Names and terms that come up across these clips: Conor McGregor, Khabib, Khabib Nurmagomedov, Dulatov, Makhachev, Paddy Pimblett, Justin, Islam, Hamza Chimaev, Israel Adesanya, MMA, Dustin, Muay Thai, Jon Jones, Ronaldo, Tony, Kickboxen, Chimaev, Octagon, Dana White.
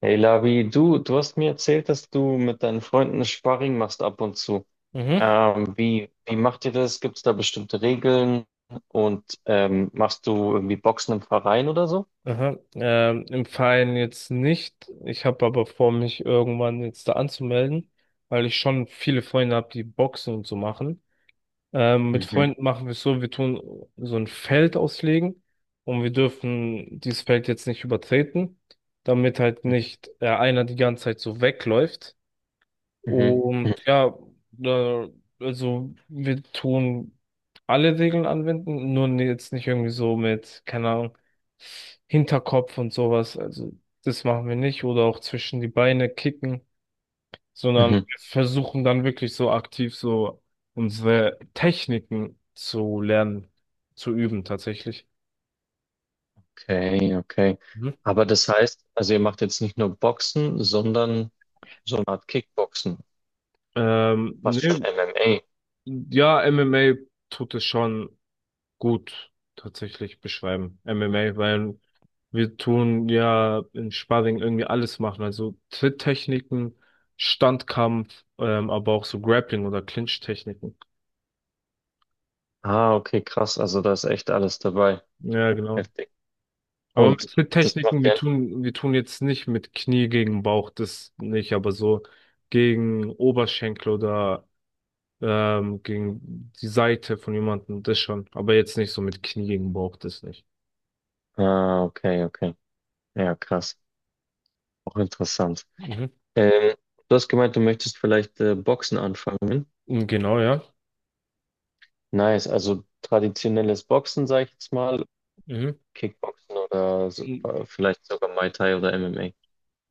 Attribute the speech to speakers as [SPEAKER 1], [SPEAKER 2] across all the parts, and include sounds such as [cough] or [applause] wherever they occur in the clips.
[SPEAKER 1] Hey Labi, du hast mir erzählt, dass du mit deinen Freunden Sparring machst ab und zu.
[SPEAKER 2] Mhm.
[SPEAKER 1] Wie macht ihr das? Gibt es da bestimmte Regeln? Und machst du irgendwie Boxen im Verein oder so?
[SPEAKER 2] Aha. Im Verein jetzt nicht. Ich habe aber vor, mich irgendwann jetzt da anzumelden, weil ich schon viele Freunde habe, die Boxen und so machen. Mit
[SPEAKER 1] Mhm,
[SPEAKER 2] Freunden machen wir es so, wir tun so ein Feld auslegen, und wir dürfen dieses Feld jetzt nicht übertreten, damit halt
[SPEAKER 1] mhm,
[SPEAKER 2] nicht einer die ganze Zeit so wegläuft.
[SPEAKER 1] mhm,
[SPEAKER 2] Und ja, da, also wir tun alle Regeln anwenden, nur jetzt nicht irgendwie so mit, keine Ahnung, Hinterkopf und sowas. Also das machen wir nicht. Oder auch zwischen die Beine kicken, sondern
[SPEAKER 1] mhm.
[SPEAKER 2] wir versuchen dann wirklich so aktiv so unsere Techniken zu lernen, zu üben tatsächlich.
[SPEAKER 1] Okay, okay.
[SPEAKER 2] Mhm.
[SPEAKER 1] Aber das heißt, also ihr macht jetzt nicht nur Boxen, sondern so eine Art Kickboxen, fast schon
[SPEAKER 2] Ne,
[SPEAKER 1] MMA.
[SPEAKER 2] ja, MMA tut es schon gut tatsächlich beschreiben. MMA, weil wir tun ja im Sparring irgendwie alles machen. Also Tritttechniken, Standkampf, aber auch so Grappling oder Clinch-Techniken.
[SPEAKER 1] Ah, okay, krass. Also da ist echt alles dabei.
[SPEAKER 2] Ja, genau.
[SPEAKER 1] Heftig.
[SPEAKER 2] Aber mit
[SPEAKER 1] Und das macht
[SPEAKER 2] Tritttechniken, wir
[SPEAKER 1] ihr.
[SPEAKER 2] tun, wir tun jetzt nicht mit Knie gegen Bauch, das nicht, aber so gegen Oberschenkel oder gegen die Seite von jemandem, das schon. Aber jetzt nicht so mit Knie gegen Bauch, das nicht.
[SPEAKER 1] Ah, okay, okay. Ja, krass. Auch interessant.
[SPEAKER 2] Mhm.
[SPEAKER 1] Ähm, du hast gemeint, du möchtest vielleicht Boxen anfangen.
[SPEAKER 2] Genau, ja.
[SPEAKER 1] Nice, also traditionelles Boxen, sage ich jetzt mal, Kickboxen oder so,
[SPEAKER 2] Mhm.
[SPEAKER 1] vielleicht sogar Muay Thai oder MMA.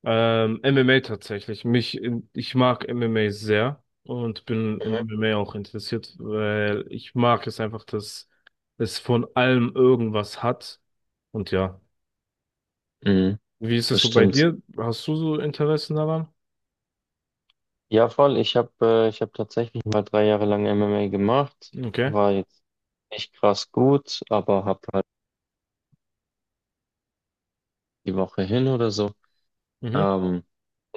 [SPEAKER 2] MMA tatsächlich. Ich mag MMA sehr und bin in
[SPEAKER 1] Mhm.
[SPEAKER 2] MMA auch interessiert, weil ich mag es einfach, dass es von allem irgendwas hat. Und ja,
[SPEAKER 1] Mhm,
[SPEAKER 2] wie ist es
[SPEAKER 1] das
[SPEAKER 2] so bei
[SPEAKER 1] stimmt.
[SPEAKER 2] dir? Hast du so Interessen daran?
[SPEAKER 1] Ja, voll. Ich hab tatsächlich mal 3 Jahre lang MMA gemacht.
[SPEAKER 2] Okay.
[SPEAKER 1] War jetzt nicht krass gut, aber hab halt die Woche hin oder so.
[SPEAKER 2] Mhm.
[SPEAKER 1] Ähm,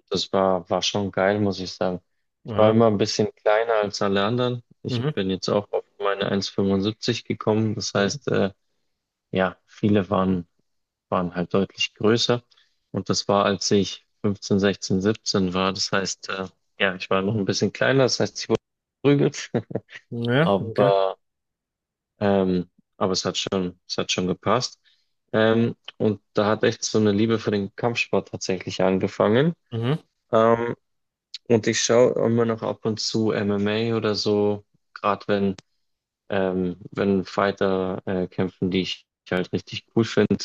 [SPEAKER 1] das war, war schon geil, muss ich sagen. Ich war
[SPEAKER 2] Ja.
[SPEAKER 1] immer ein bisschen kleiner als alle anderen. Ich
[SPEAKER 2] Mhm.
[SPEAKER 1] bin jetzt auch auf meine 1,75 gekommen. Das
[SPEAKER 2] Mhm.
[SPEAKER 1] heißt, ja, viele waren, waren halt deutlich größer. Und das war, als ich 15, 16, 17 war. Das heißt, ja, ich war noch ein bisschen kleiner. Das heißt, ich wurde geprügelt. [laughs]
[SPEAKER 2] Ja, okay.
[SPEAKER 1] Aber, ähm, aber es hat schon gepasst. Und da hat echt so eine Liebe für den Kampfsport tatsächlich angefangen.
[SPEAKER 2] Mhm.
[SPEAKER 1] Ähm, Und ich schaue immer noch ab und zu MMA oder so, gerade wenn, wenn Fighter kämpfen, die ich halt richtig cool finde.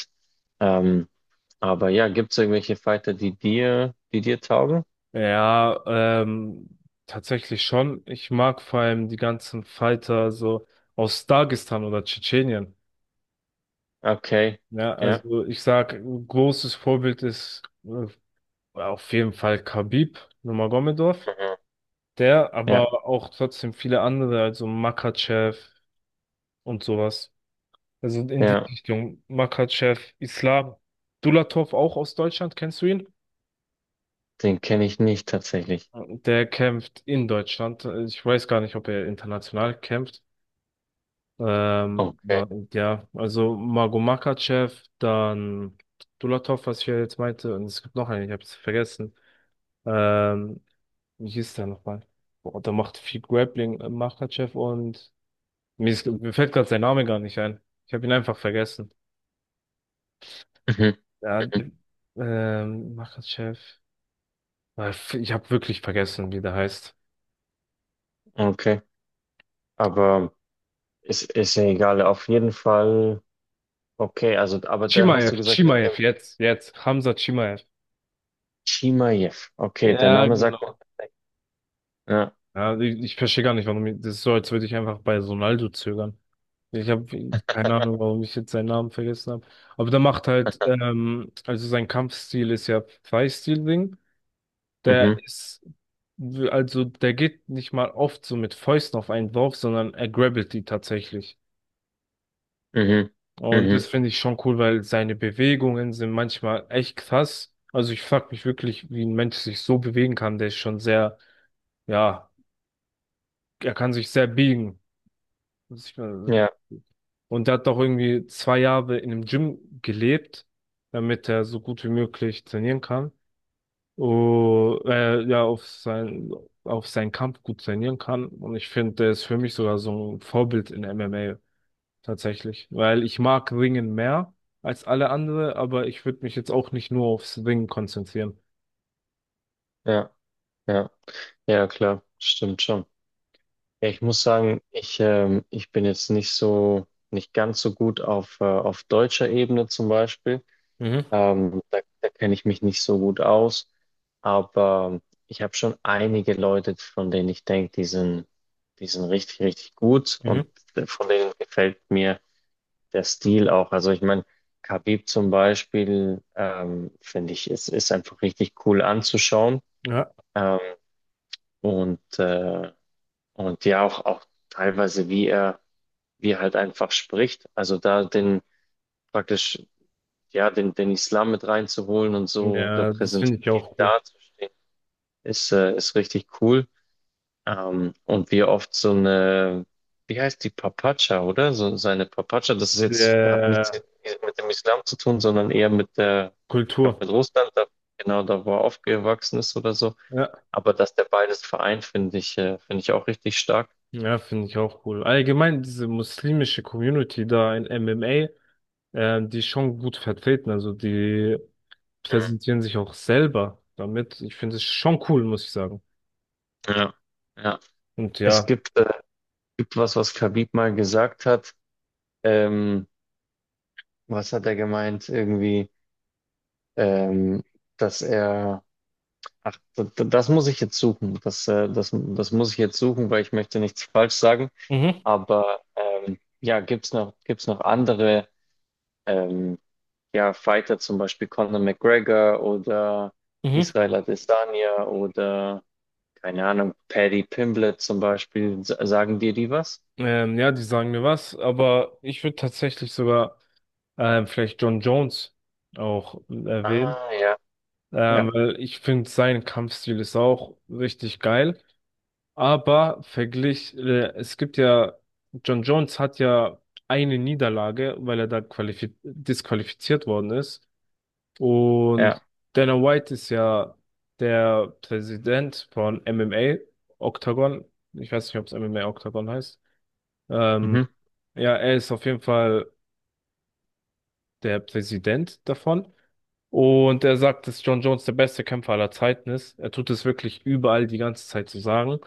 [SPEAKER 1] Ähm, aber ja, gibt es irgendwelche Fighter, die dir taugen?
[SPEAKER 2] Ja, ähm, tatsächlich schon. Ich mag vor allem die ganzen Fighter so aus Dagestan oder Tschetschenien.
[SPEAKER 1] Okay,
[SPEAKER 2] Ja,
[SPEAKER 1] ja,
[SPEAKER 2] also ich sag, ein großes Vorbild ist auf jeden Fall Khabib Nurmagomedov,
[SPEAKER 1] mhm,
[SPEAKER 2] der
[SPEAKER 1] ja,
[SPEAKER 2] aber auch trotzdem viele andere, also Makhachev und sowas. Also in die
[SPEAKER 1] ja,
[SPEAKER 2] Richtung Makhachev, Islam, Dulatov auch aus Deutschland, kennst du ihn?
[SPEAKER 1] den kenne ich nicht tatsächlich.
[SPEAKER 2] Der kämpft in Deutschland. Ich weiß gar nicht, ob er international kämpft.
[SPEAKER 1] Okay,
[SPEAKER 2] Ja, ja, also Mago Makhachev, dann Dulatov, was ich ja jetzt meinte, und es gibt noch einen, ich habe es vergessen. Ähm, Wie hieß der nochmal? Boah, der macht viel Grappling, Makhachev und mir fällt gerade sein Name gar nicht ein. Ich habe ihn einfach vergessen.
[SPEAKER 1] mhm,
[SPEAKER 2] Ja,
[SPEAKER 1] mhm,
[SPEAKER 2] Makhachev. Äh, Ich habe wirklich vergessen, wie der heißt.
[SPEAKER 1] okay, aber ist ja egal, auf jeden Fall. Okay, also, aber da hast du
[SPEAKER 2] Chimaev,
[SPEAKER 1] gesagt, der
[SPEAKER 2] Chimaev,
[SPEAKER 1] kämpft.
[SPEAKER 2] jetzt, jetzt. Hamza Chimaev.
[SPEAKER 1] Chimaev. Okay, der
[SPEAKER 2] Ja,
[SPEAKER 1] Name sagt mir
[SPEAKER 2] genau.
[SPEAKER 1] tatsächlich. Ja,
[SPEAKER 2] Ja, ich verstehe gar nicht, das ist so, als würde ich einfach bei Ronaldo zögern. Ich habe keine Ahnung, warum ich jetzt seinen Namen vergessen habe. Aber der macht halt, also sein Kampfstil ist ja Thai-Stil-Ding. Der
[SPEAKER 1] mhm.
[SPEAKER 2] ist, also der geht nicht mal oft so mit Fäusten auf einen drauf, sondern er grabbelt die tatsächlich.
[SPEAKER 1] Mhm.
[SPEAKER 2] Und
[SPEAKER 1] Mhm.
[SPEAKER 2] das finde ich schon cool, weil seine Bewegungen sind manchmal echt krass. Also ich frag mich wirklich, wie ein Mensch sich so bewegen kann. Der ist schon sehr, ja, er kann sich sehr biegen, muss ich mal sagen.
[SPEAKER 1] Ja,
[SPEAKER 2] Und der hat doch irgendwie 2 Jahre in einem Gym gelebt, damit er so gut wie möglich trainieren kann. oh, äh, ja, auf sein, auf seinen Kampf gut trainieren kann. Und ich finde, der ist für mich sogar so ein Vorbild in MMA tatsächlich. Weil ich mag Ringen mehr als alle andere, aber ich würde mich jetzt auch nicht nur aufs Ringen konzentrieren.
[SPEAKER 1] ja, ja. Ja, klar, stimmt schon. Ja, ich muss sagen, ich bin jetzt nicht so, nicht ganz so gut auf deutscher Ebene zum Beispiel.
[SPEAKER 2] Mhm.
[SPEAKER 1] Da kenne ich mich nicht so gut aus. Aber ich habe schon einige Leute, von denen ich denke, die sind richtig, richtig gut und
[SPEAKER 2] Mhm.
[SPEAKER 1] von denen gefällt mir der Stil auch. Also ich meine, Khabib zum Beispiel, finde ich, ist einfach richtig cool anzuschauen.
[SPEAKER 2] Ja,
[SPEAKER 1] Ähm, und, äh, und ja, auch teilweise, wie er halt einfach spricht. Also da den praktisch, ja, den Islam mit reinzuholen und so
[SPEAKER 2] ja, das finde ich
[SPEAKER 1] repräsentativ
[SPEAKER 2] auch cool.
[SPEAKER 1] dazustehen, ist richtig cool. Und wie er oft so eine, wie heißt die Papatscha, oder? So seine Papatscha, das ist jetzt, hat nichts
[SPEAKER 2] Der
[SPEAKER 1] mit dem Islam zu tun, sondern eher mit der, ich glaube,
[SPEAKER 2] Kultur.
[SPEAKER 1] mit Russland, da, genau, da wo er aufgewachsen ist oder so.
[SPEAKER 2] Ja,
[SPEAKER 1] Aber dass der beides vereint, finde ich auch richtig stark.
[SPEAKER 2] ja, finde ich auch cool. Allgemein diese muslimische Community da in MMA, die ist schon gut vertreten. Also die
[SPEAKER 1] Mhm.
[SPEAKER 2] präsentieren sich auch selber damit. Ich finde es schon cool, muss ich sagen.
[SPEAKER 1] Ja, ja.
[SPEAKER 2] Und
[SPEAKER 1] Es
[SPEAKER 2] ja.
[SPEAKER 1] gibt, äh, gibt was, was Khabib mal gesagt hat. Ähm, was hat er gemeint? Irgendwie, ähm, dass er, ach, das muss ich jetzt suchen. Das muss ich jetzt suchen, weil ich möchte nichts falsch sagen.
[SPEAKER 2] Mhm,
[SPEAKER 1] Aber ja, gibt's noch andere ähm, ja, Fighter, zum Beispiel Conor McGregor oder
[SPEAKER 2] mhm.
[SPEAKER 1] Israel Adesanya oder keine Ahnung, Paddy Pimblett zum Beispiel, sagen dir die was?
[SPEAKER 2] Ja, die sagen mir was, aber ich würde tatsächlich sogar vielleicht Jon Jones auch erwähnen,
[SPEAKER 1] Ah, ja, ja,
[SPEAKER 2] weil ich finde, sein Kampfstil ist auch richtig geil. Aber verglich, es gibt ja, Jon Jones hat ja eine Niederlage, weil er da disqualifiziert worden ist.
[SPEAKER 1] ja.
[SPEAKER 2] Und Dana White ist ja der Präsident von MMA, Octagon. Ich weiß nicht, ob es MMA Octagon heißt. Ähm,
[SPEAKER 1] Mhm.
[SPEAKER 2] ja, er ist auf jeden Fall der Präsident davon. Und er sagt, dass Jon Jones der beste Kämpfer aller Zeiten ist. Er tut es wirklich überall die ganze Zeit zu sagen.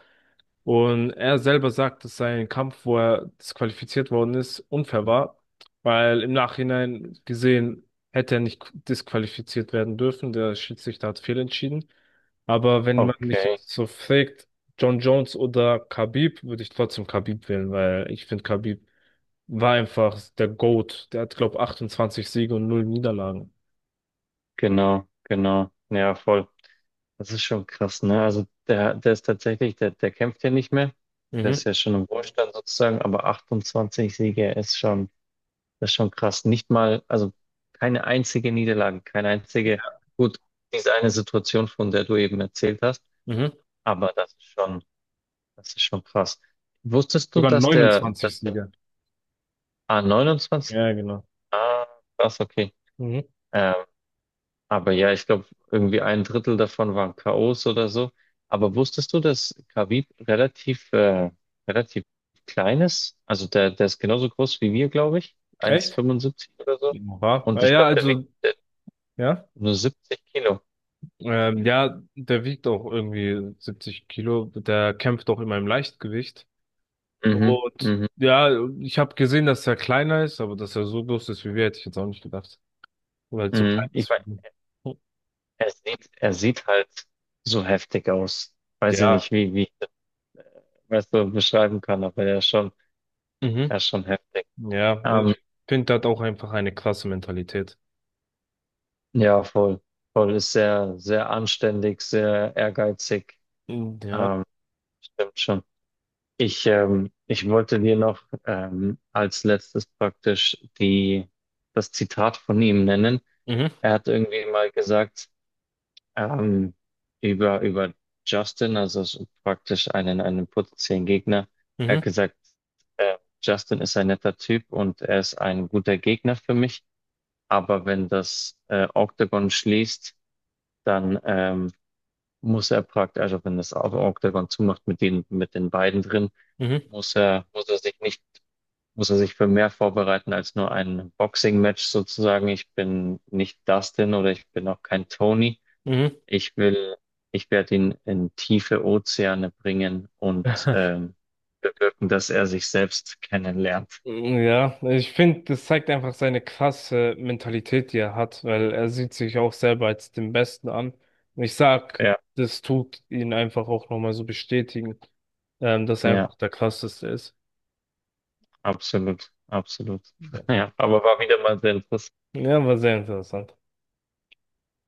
[SPEAKER 2] Und er selber sagt, dass sein Kampf, wo er disqualifiziert worden ist, unfair war, weil im Nachhinein gesehen hätte er nicht disqualifiziert werden dürfen. Der Schiedsrichter hat fehlentschieden. Aber wenn man mich
[SPEAKER 1] Okay,
[SPEAKER 2] jetzt so fragt, John Jones oder Khabib, würde ich trotzdem Khabib wählen, weil ich finde, Khabib war einfach der GOAT. Der hat, glaube, 28 Siege und null Niederlagen.
[SPEAKER 1] genau, genau. Ja, voll. Das ist schon krass, ne? Also der, der kämpft ja nicht mehr. Der ist
[SPEAKER 2] Mhm.
[SPEAKER 1] ja schon im Ruhestand sozusagen, aber 28 Siege ist schon, das ist schon krass. Nicht mal, also keine einzige Niederlage, keine einzige, gut, diese eine Situation, von der du eben erzählt hast,
[SPEAKER 2] Mhm.
[SPEAKER 1] aber das ist schon krass. Wusstest du,
[SPEAKER 2] Sogar
[SPEAKER 1] dass der,
[SPEAKER 2] 29
[SPEAKER 1] dass der
[SPEAKER 2] Siege.
[SPEAKER 1] Ah, 29?
[SPEAKER 2] Ja, genau.
[SPEAKER 1] Ah, krass, okay.
[SPEAKER 2] Mhm.
[SPEAKER 1] Ähm, aber ja, ich glaube, irgendwie ein Drittel davon waren K.O.s oder so. Aber wusstest du, dass Khabib relativ klein ist? Also der ist genauso groß wie wir, glaube ich.
[SPEAKER 2] Echt?
[SPEAKER 1] 1,75 oder so.
[SPEAKER 2] Ja,
[SPEAKER 1] Und
[SPEAKER 2] na
[SPEAKER 1] ich
[SPEAKER 2] ja,
[SPEAKER 1] glaube, der wiegt
[SPEAKER 2] also, ja.
[SPEAKER 1] nur 70 Kilo.
[SPEAKER 2] Ja, der wiegt auch irgendwie 70 Kilo. Der kämpft auch immer im Leichtgewicht.
[SPEAKER 1] Mhm,
[SPEAKER 2] Und
[SPEAKER 1] mhm,
[SPEAKER 2] ja, ich habe gesehen, dass er kleiner ist, aber dass er so groß ist wie wir, hätte ich jetzt auch nicht gedacht. Weil so klein
[SPEAKER 1] mhm.
[SPEAKER 2] ist,
[SPEAKER 1] Ich
[SPEAKER 2] für
[SPEAKER 1] meine,
[SPEAKER 2] ihn.
[SPEAKER 1] er sieht halt so heftig aus. Weiß ich
[SPEAKER 2] Ja,
[SPEAKER 1] nicht, wie ich das, weißt du, beschreiben kann, aber er ist schon,
[SPEAKER 2] mhm.
[SPEAKER 1] er ist schon heftig.
[SPEAKER 2] Ja, und
[SPEAKER 1] Ähm,
[SPEAKER 2] ich finde, der hat auch einfach eine krasse Mentalität.
[SPEAKER 1] Ja, voll. Voll ist sehr, sehr anständig, sehr ehrgeizig.
[SPEAKER 2] Mhm, ja.
[SPEAKER 1] Ähm, stimmt schon. Ich wollte dir noch als letztes praktisch das Zitat von ihm nennen.
[SPEAKER 2] Mhm.
[SPEAKER 1] Er hat irgendwie mal gesagt, ähm, über Justin, also so praktisch einen potenziellen Gegner. Er hat
[SPEAKER 2] Mhm.
[SPEAKER 1] gesagt, Justin ist ein netter Typ und er ist ein guter Gegner für mich. Aber wenn das Octagon schließt, dann muss er praktisch, also wenn das Auge dann zumacht mit den beiden drin,
[SPEAKER 2] Mhm.
[SPEAKER 1] muss er sich nicht, muss er sich für mehr vorbereiten als nur ein Boxing-Match sozusagen. Ich bin nicht Dustin oder ich bin auch kein Tony.
[SPEAKER 2] Mhm.
[SPEAKER 1] Ich will, ich werde ihn in tiefe Ozeane bringen und
[SPEAKER 2] [laughs]
[SPEAKER 1] bewirken, dass er sich selbst kennenlernt.
[SPEAKER 2] Ja, ich finde, das zeigt einfach seine krasse Mentalität, die er hat, weil er sieht sich auch selber als den Besten an. Und ich sag,
[SPEAKER 1] Ja,
[SPEAKER 2] das tut ihn einfach auch nochmal so bestätigen, dass er
[SPEAKER 1] ja,
[SPEAKER 2] einfach der Krasseste ist.
[SPEAKER 1] absolut, absolut.
[SPEAKER 2] Ja,
[SPEAKER 1] [laughs] Ja, aber war wieder mal sehr interessant.
[SPEAKER 2] ja, war sehr interessant.